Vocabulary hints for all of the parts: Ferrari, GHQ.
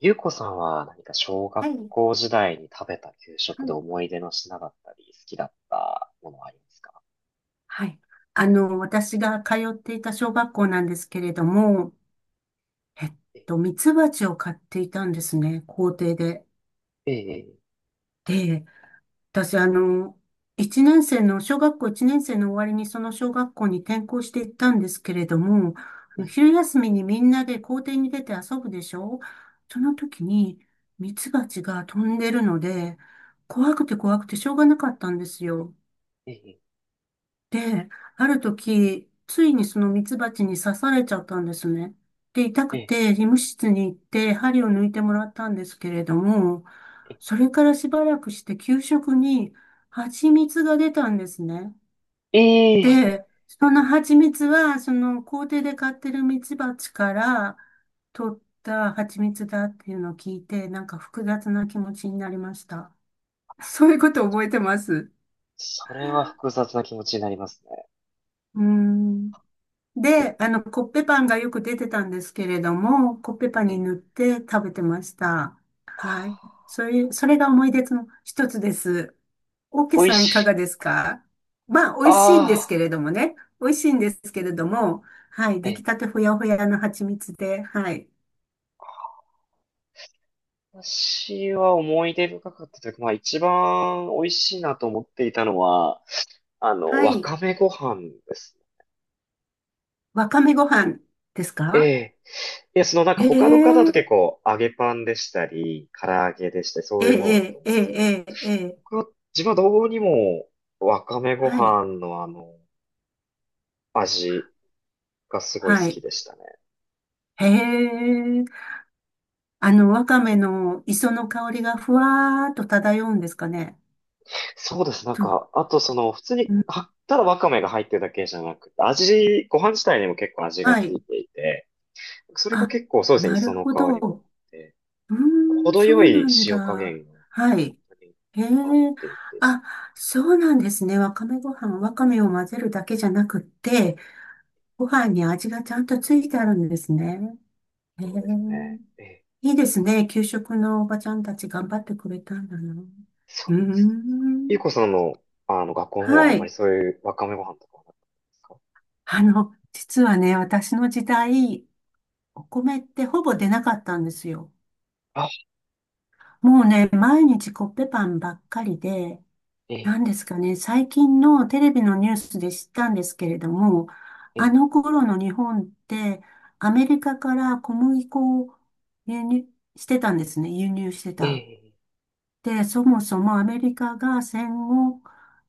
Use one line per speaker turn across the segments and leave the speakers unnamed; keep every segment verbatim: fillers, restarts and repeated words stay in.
ゆうこさんは何か小
は
学
い。
校時代に食べた給食
は
で
い
思い出の品だったり、好きだったものはありますか？
はい。あの、私が通っていた小学校なんですけれども、えっ
え
と、ミツバチを飼っていたんですね、校庭で。
え、え
で、私、あの、一年生の、小学校いちねん生の終わりにその小学校に転校していったんですけれども、あ
え、
の
え
昼休みにみんなで校庭に出て遊ぶでしょ。その時にミツバチが飛んでるので、怖くて怖くてしょうがなかったんですよ。
え、え
で、ある時、ついにそのミツバチに刺されちゃったんですね。で、痛
え、
く
え
て、医務室に行って、針を抜いてもらったんですけれども、それからしばらくして、給食に蜂蜜が出たんですね。
え、え
で、その
え、え
蜂蜜は、その校庭で飼ってるミツバチから取った蜂蜜だっていうのを聞いて、なんか複雑な気持ちになりました。そういうこと覚えてます。
それは複雑な気持ちになります
うーん。
ね。
で、あの、コッペパンがよく出てたんですけれども、コッペパン
え、
に
え、
塗って食べてました。はい。
あ
そういう、それが思い出の一つです。オーケー
ー、美味
さん、いかが
し、
ですか？まあ、美味しいんです
あ
けれどもね。美味しいんですけれども、はい。
あ、
出来
え、
たてほやほやの蜂蜜で、はい。
私は思い出深かったというか、まあ一番美味しいなと思っていたのは、あの、
は
わ
い。
かめご飯です。
わかめご飯です
え
か？
え。いや、そのなんか
へ
他の方と
え、
結構揚げパンでしたり、唐揚げでしたり、そ
え
ういうものだと
え、え
思う
え、
んですけど、
ええ、ええ、
僕は、自分はどうにもわかめご
はい。
飯のあの、味がすごい好
は
き
い。
でしたね。
へえ。あの、わかめの磯の香りがふわーっと漂うんですかね。
そうです。なん
と、
か、あとその、普通に、
うん
は、ただわかめが入ってるだけじゃなくて、味、ご飯自体にも結構味が
は
つい
い。
ていて、それが
あ、
結構そうですね、
な
磯
る
の
ほど。
香りもあっ
う
て、
ーん、
程
そ
よ
うな
い
ん
塩加
だ。
減が
は
本
い。
当に
へえ。
合っていて、
あ、そうなんですね。わかめご飯、わかめを混ぜるだけじゃなくって、ご飯に味がちゃんとついてあるんですね。へえ。
そうですね。ええ。
いいですね。給食のおばちゃんたち頑張ってくれたんだな。う
そ
ー
う、ゆう
ん。
こさんの、あの、学校の方は
は
あんまり
い。
そういうわかめご飯とかはなかったですか？
あの、実はね、私の時代、お米ってほぼ出なかったんですよ。
あ、
もうね、毎日コッペパンばっかりで、
え
な
え、
んですかね、最近のテレビのニュースで知ったんですけれども、
え
あ
え、
の頃の日本って、アメリカから小麦粉を輸入してたんですね、輸入して
え
た。
え、
で、そもそもアメリカが戦後、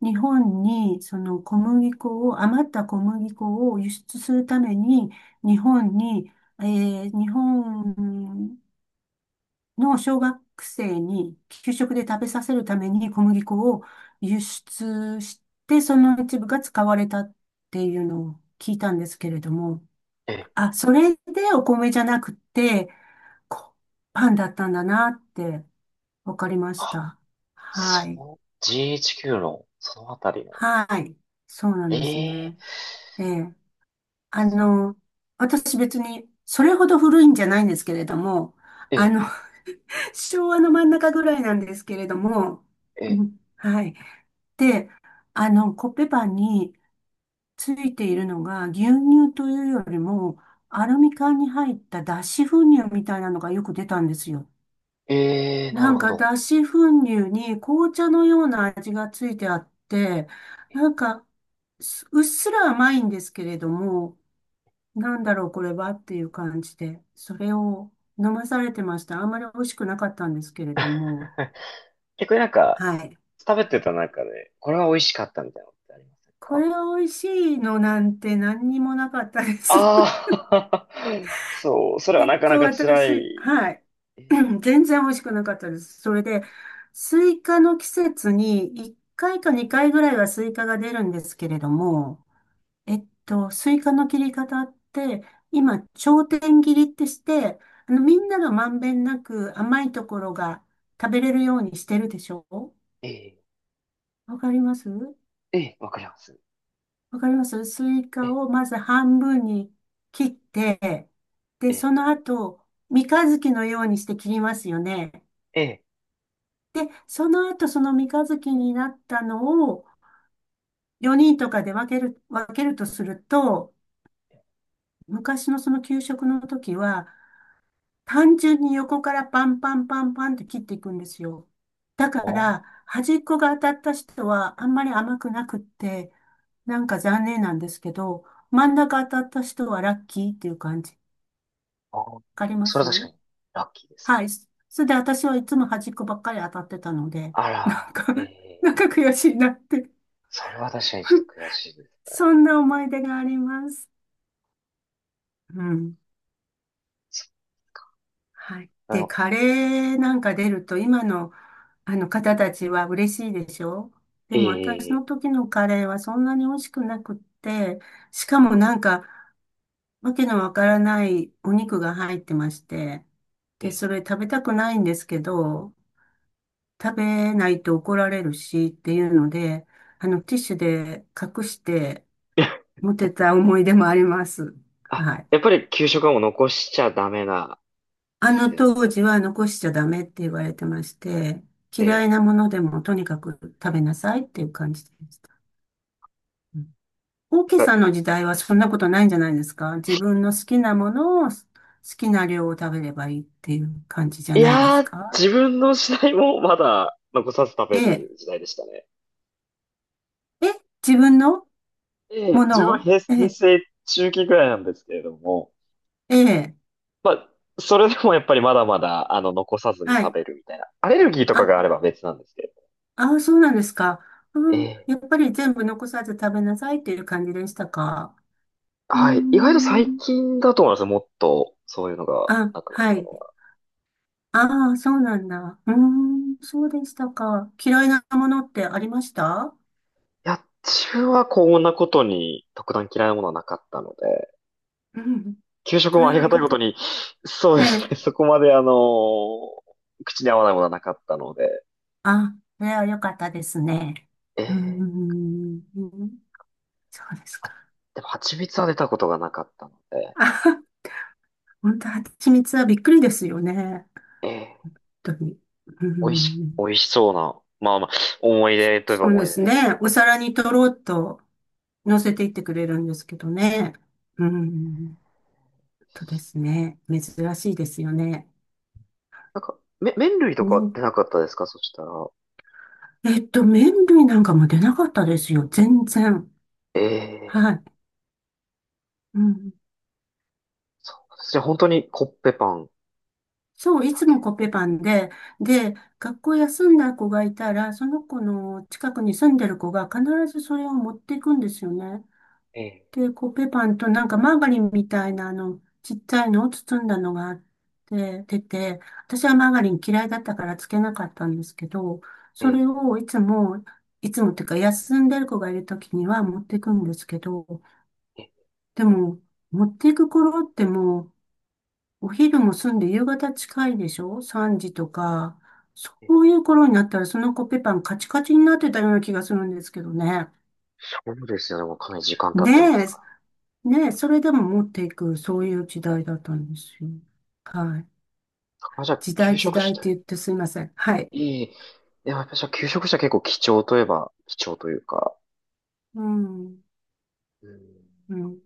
日本にその小麦粉を、余った小麦粉を輸出するために、日本にえー日本の小学生に給食で食べさせるために小麦粉を輸出して、その一部が使われたっていうのを聞いたんですけれども、
ええ。
あ、それでお米じゃなくて、こパンだったんだなってわかりまし
あ、
た。はい。
そう、ジーエイチキュー の、そのあたりの、
はい。そうなん
え
です
え、
ね。ええ。あの、私別にそれほど古いんじゃないんですけれども、
え
あ
え、
の、昭和の真ん中ぐらいなんですけれども、
え
うんはい。で、あの、コッペパンについているのが、牛乳というよりも、アルミ缶に入った脱脂粉乳みたいなのがよく出たんですよ。
え、ええ、な
な
る
ん
ほ
か
ど。
脱脂粉乳に紅茶のような味がついてあって、なんか、すうっすら甘いんですけれども、なんだろうこれはっていう感じで、それを飲まされてました。あんまり美味しくなかったんですけれども、
逆になんか、
はい。
食べてた中で、これは美味しかったみたいなのってありません
こ
か？
れ美味しいのなんて何にもなかったです。
ああー、そう、それは
えっ
なかな
と、
か辛
私、
い。
はい。
ええ、
全然美味しくなかったです。それで、スイカの季節にいっかいかにかいぐらいはスイカが出るんですけれども、えっと、スイカの切り方って、今、頂点切りってして、あの、みんながまんべんなく甘いところが食べれるようにしてるでしょ？
え
わかります？
え、ええ、わかります。
わかります？スイ
え
カ
え、
をまず半分に切って、
え
で、
え、
その後、三日月のようにして切りますよね。
ええ。
で、その後、その三日月になったのをよにんとかで分ける、分けるとすると、昔のその給食の時は、単純に横からパンパンパンパンって切っていくんですよ。だか
あー、
ら、端っこが当たった人はあんまり甘くなくって、なんか残念なんですけど、真ん中当たった人はラッキーっていう感じ。わ
あー、
かりま
それは確か
す？
にラッキーですね。
はい。そそれで私はいつも端っこばっかり当たってたので、な
あ
んか
ら、え
なんか
え。
悔しいなって。
それは確かにちょっと 悔しいですね。
そんな思い出があります。うん。
そっか。
はい。
で
で、
も、
カレーなんか出ると、今の、あの方たちは嬉しいでしょ？でも私
え
の
え、
時のカレーはそんなに美味しくなくって、しかもなんか、わけのわからないお肉が入ってまして、
え
で、
え、
それ食べたくないんですけど、食べないと怒られるしっていうので、あの、ティッシュで隠して 持ってた思い出もあります。
あ、
はい。
やっぱり給食はもう残しちゃダメな、
あ
で
の
すよ
当
ね。
時は残しちゃダメって言われてまして、嫌
ええ。
いなものでもとにかく食べなさいっていう感じでした。うん。オーケー
なんか
さんの時代はそんなことないんじゃないですか？自分の好きなものを好きな量を食べればいいっていう感じじゃ
い
ないで
や
す
ー、
か？
自分の時代もまだ残さず食
え
べ
え。
る時代でしたね。
え、自分の
え
も
え。自分
の
は
を
平、
え
平
え、
成中期ぐらいなんですけれども、
ええ、
まあ、それでもやっぱりまだまだ、あの、残さずに
は
食
い。
べるみたいな。アレルギーとかがあれ
あ、
ば別なんですけど。
あ、そうなんですか。う
え
ん、
え、
やっぱり全部残さず食べなさいっていう感じでしたか？うー
はい。意外と最
ん。
近だと思いますよ。もっと、そういうのが
あ、
なくなっ
は
た
い。
のは。
ああ、そうなんだ。うーん、そうでしたか。嫌いなものってありました？
いや、自分はこんなことに特段嫌いなものはなかったので、
うん。
給食
そ
もあ
れ
り
は
がたい
よ
こ
か
と
っ
に、そう
た。
で
え
す
え。
ね。そこまであの口に合わないものはなかったので、
あ、それはよかったですね。
え
うー
え。
ん、そうです
あ、
か。
でも蜂蜜は出たことがなかったので、
あ、本当、蜂蜜はびっくりですよね。
ええ。
本当に。う
美味し、
ん、
美味しそうな、まあまあ、思い出といえば
そう
思
で
い出
す
です。
ね。お皿にとろうと乗せていってくれるんですけどね。うん、本当ですね。珍しいですよね。
なんか、め、麺類とか出
ね
なかったですかそしたら？
えっと、麺類なんかも出なかったですよ。全然。
ええ。
はい。うん。
そうですね。本当にコッペパン。
そう、いつもコッペパンで、で、学校休んだ子がいたら、その子の近くに住んでる子が必ずそれを持っていくんですよね。
ええ、
で、コッペパンとなんかマーガリンみたいなあの、ちっちゃいのを包んだのがあって、出て、私はマーガリン嫌いだったからつけなかったんですけど、
え、
それ
え、
をいつも、いつもっていうか休んでる子がいるときには持っていくんですけど、
え、
でも、持っていく頃ってもう、お昼も済んで夕方近いでしょ？ さん 時とか。そ
え。
ういう頃になったら、そのコッペパンカチカチになってたような気がするんですけどね。
そうですよね。もうかなり時間経
ね、
ってますか
え、ねえ、それでも持っていく、そういう時代だったんですよ。はい。
ら。あ、じゃあ、
時
休
代時
職し
代っ
た
て
い。
言ってすいません。はい。
いい。いや、やっぱじゃあ、休職した結構貴重といえば、貴重というか、
うん、
うん、
うん。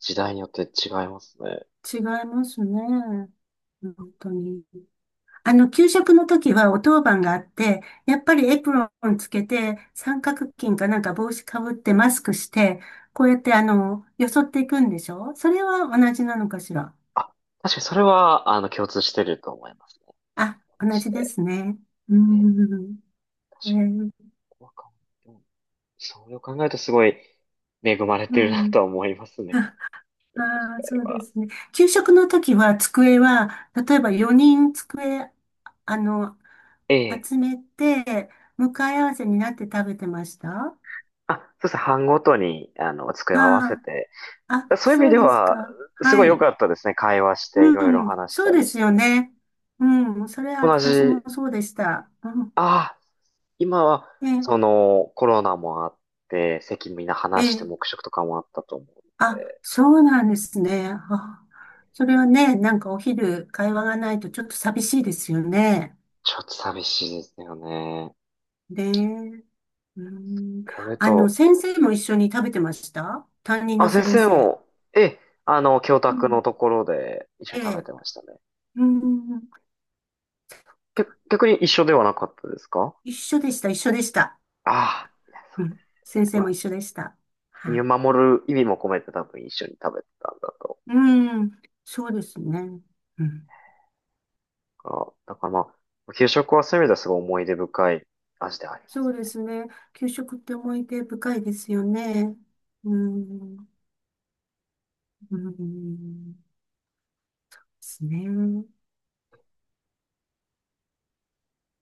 時代によって違いますね。
違いますね。本当に。あの、給食の時はお当番があって、やっぱりエプロンつけて、三角巾かなんか帽子かぶってマスクして、こうやってあの、よそっていくんでしょ？それは同じなのかしら。
あ、確かにそれは、あの、共通してると思いますね。
あ、同
し
じで
て、
すね。う
えー、
ん。え
私、
ー。
ここは考えんそう考えるとすごい恵まれ
う
てるな
ん。
とは思いますね、
ああ、
これ
そうで
は。
すね。給食の時は机は、例えばよにん机、あの、
ええ。
集めて、向かい合わせになって食べてましたあ。
あ、そうですね。班ごとに、あの、机を合わせ
あ
て。
あ、
そういう意味
そう
で
です
は、
か。
すごい
は
良
い。
かったですね。会話して、い
う
ろいろ
ん、
話し
そ
た
うで
り。
すよね。うん、それは
同
私
じ、
もそうでした。う
ああ、今は、
ん、
その、コロナもあって、席みんな離
え、
して
え、
黙食とかもあったと思うの
あ、
で、
そうなんですね。あ、それはね、なんかお昼会話がないとちょっと寂しいですよね。
ちょっと寂しいですよね。
ねえ、うん、
これ
あの、
と、
先生も一緒に食べてました、担任
あ、
の
先
先
生
生。
も、え、あの、教
う
宅の
ん、
ところで一緒
え
に食べ
え、
てましたね。
うん、
け逆に一緒ではなかったですか？
一緒でした、一緒でした。
ああ、いや、そ
う
う
ん、
だ
先
ね。
生
ま
も
あ、
一緒でした。は
見
い。
守る意味も込めて多分一緒に食べてたんだろ
うん、そうですね。うん。
うから、だからまあ、給食はそういう意味ではすごい思い出深い味ではありま
そ
す
う
ね。
ですね。給食って思い出深いですよね。うん、うん、ですね。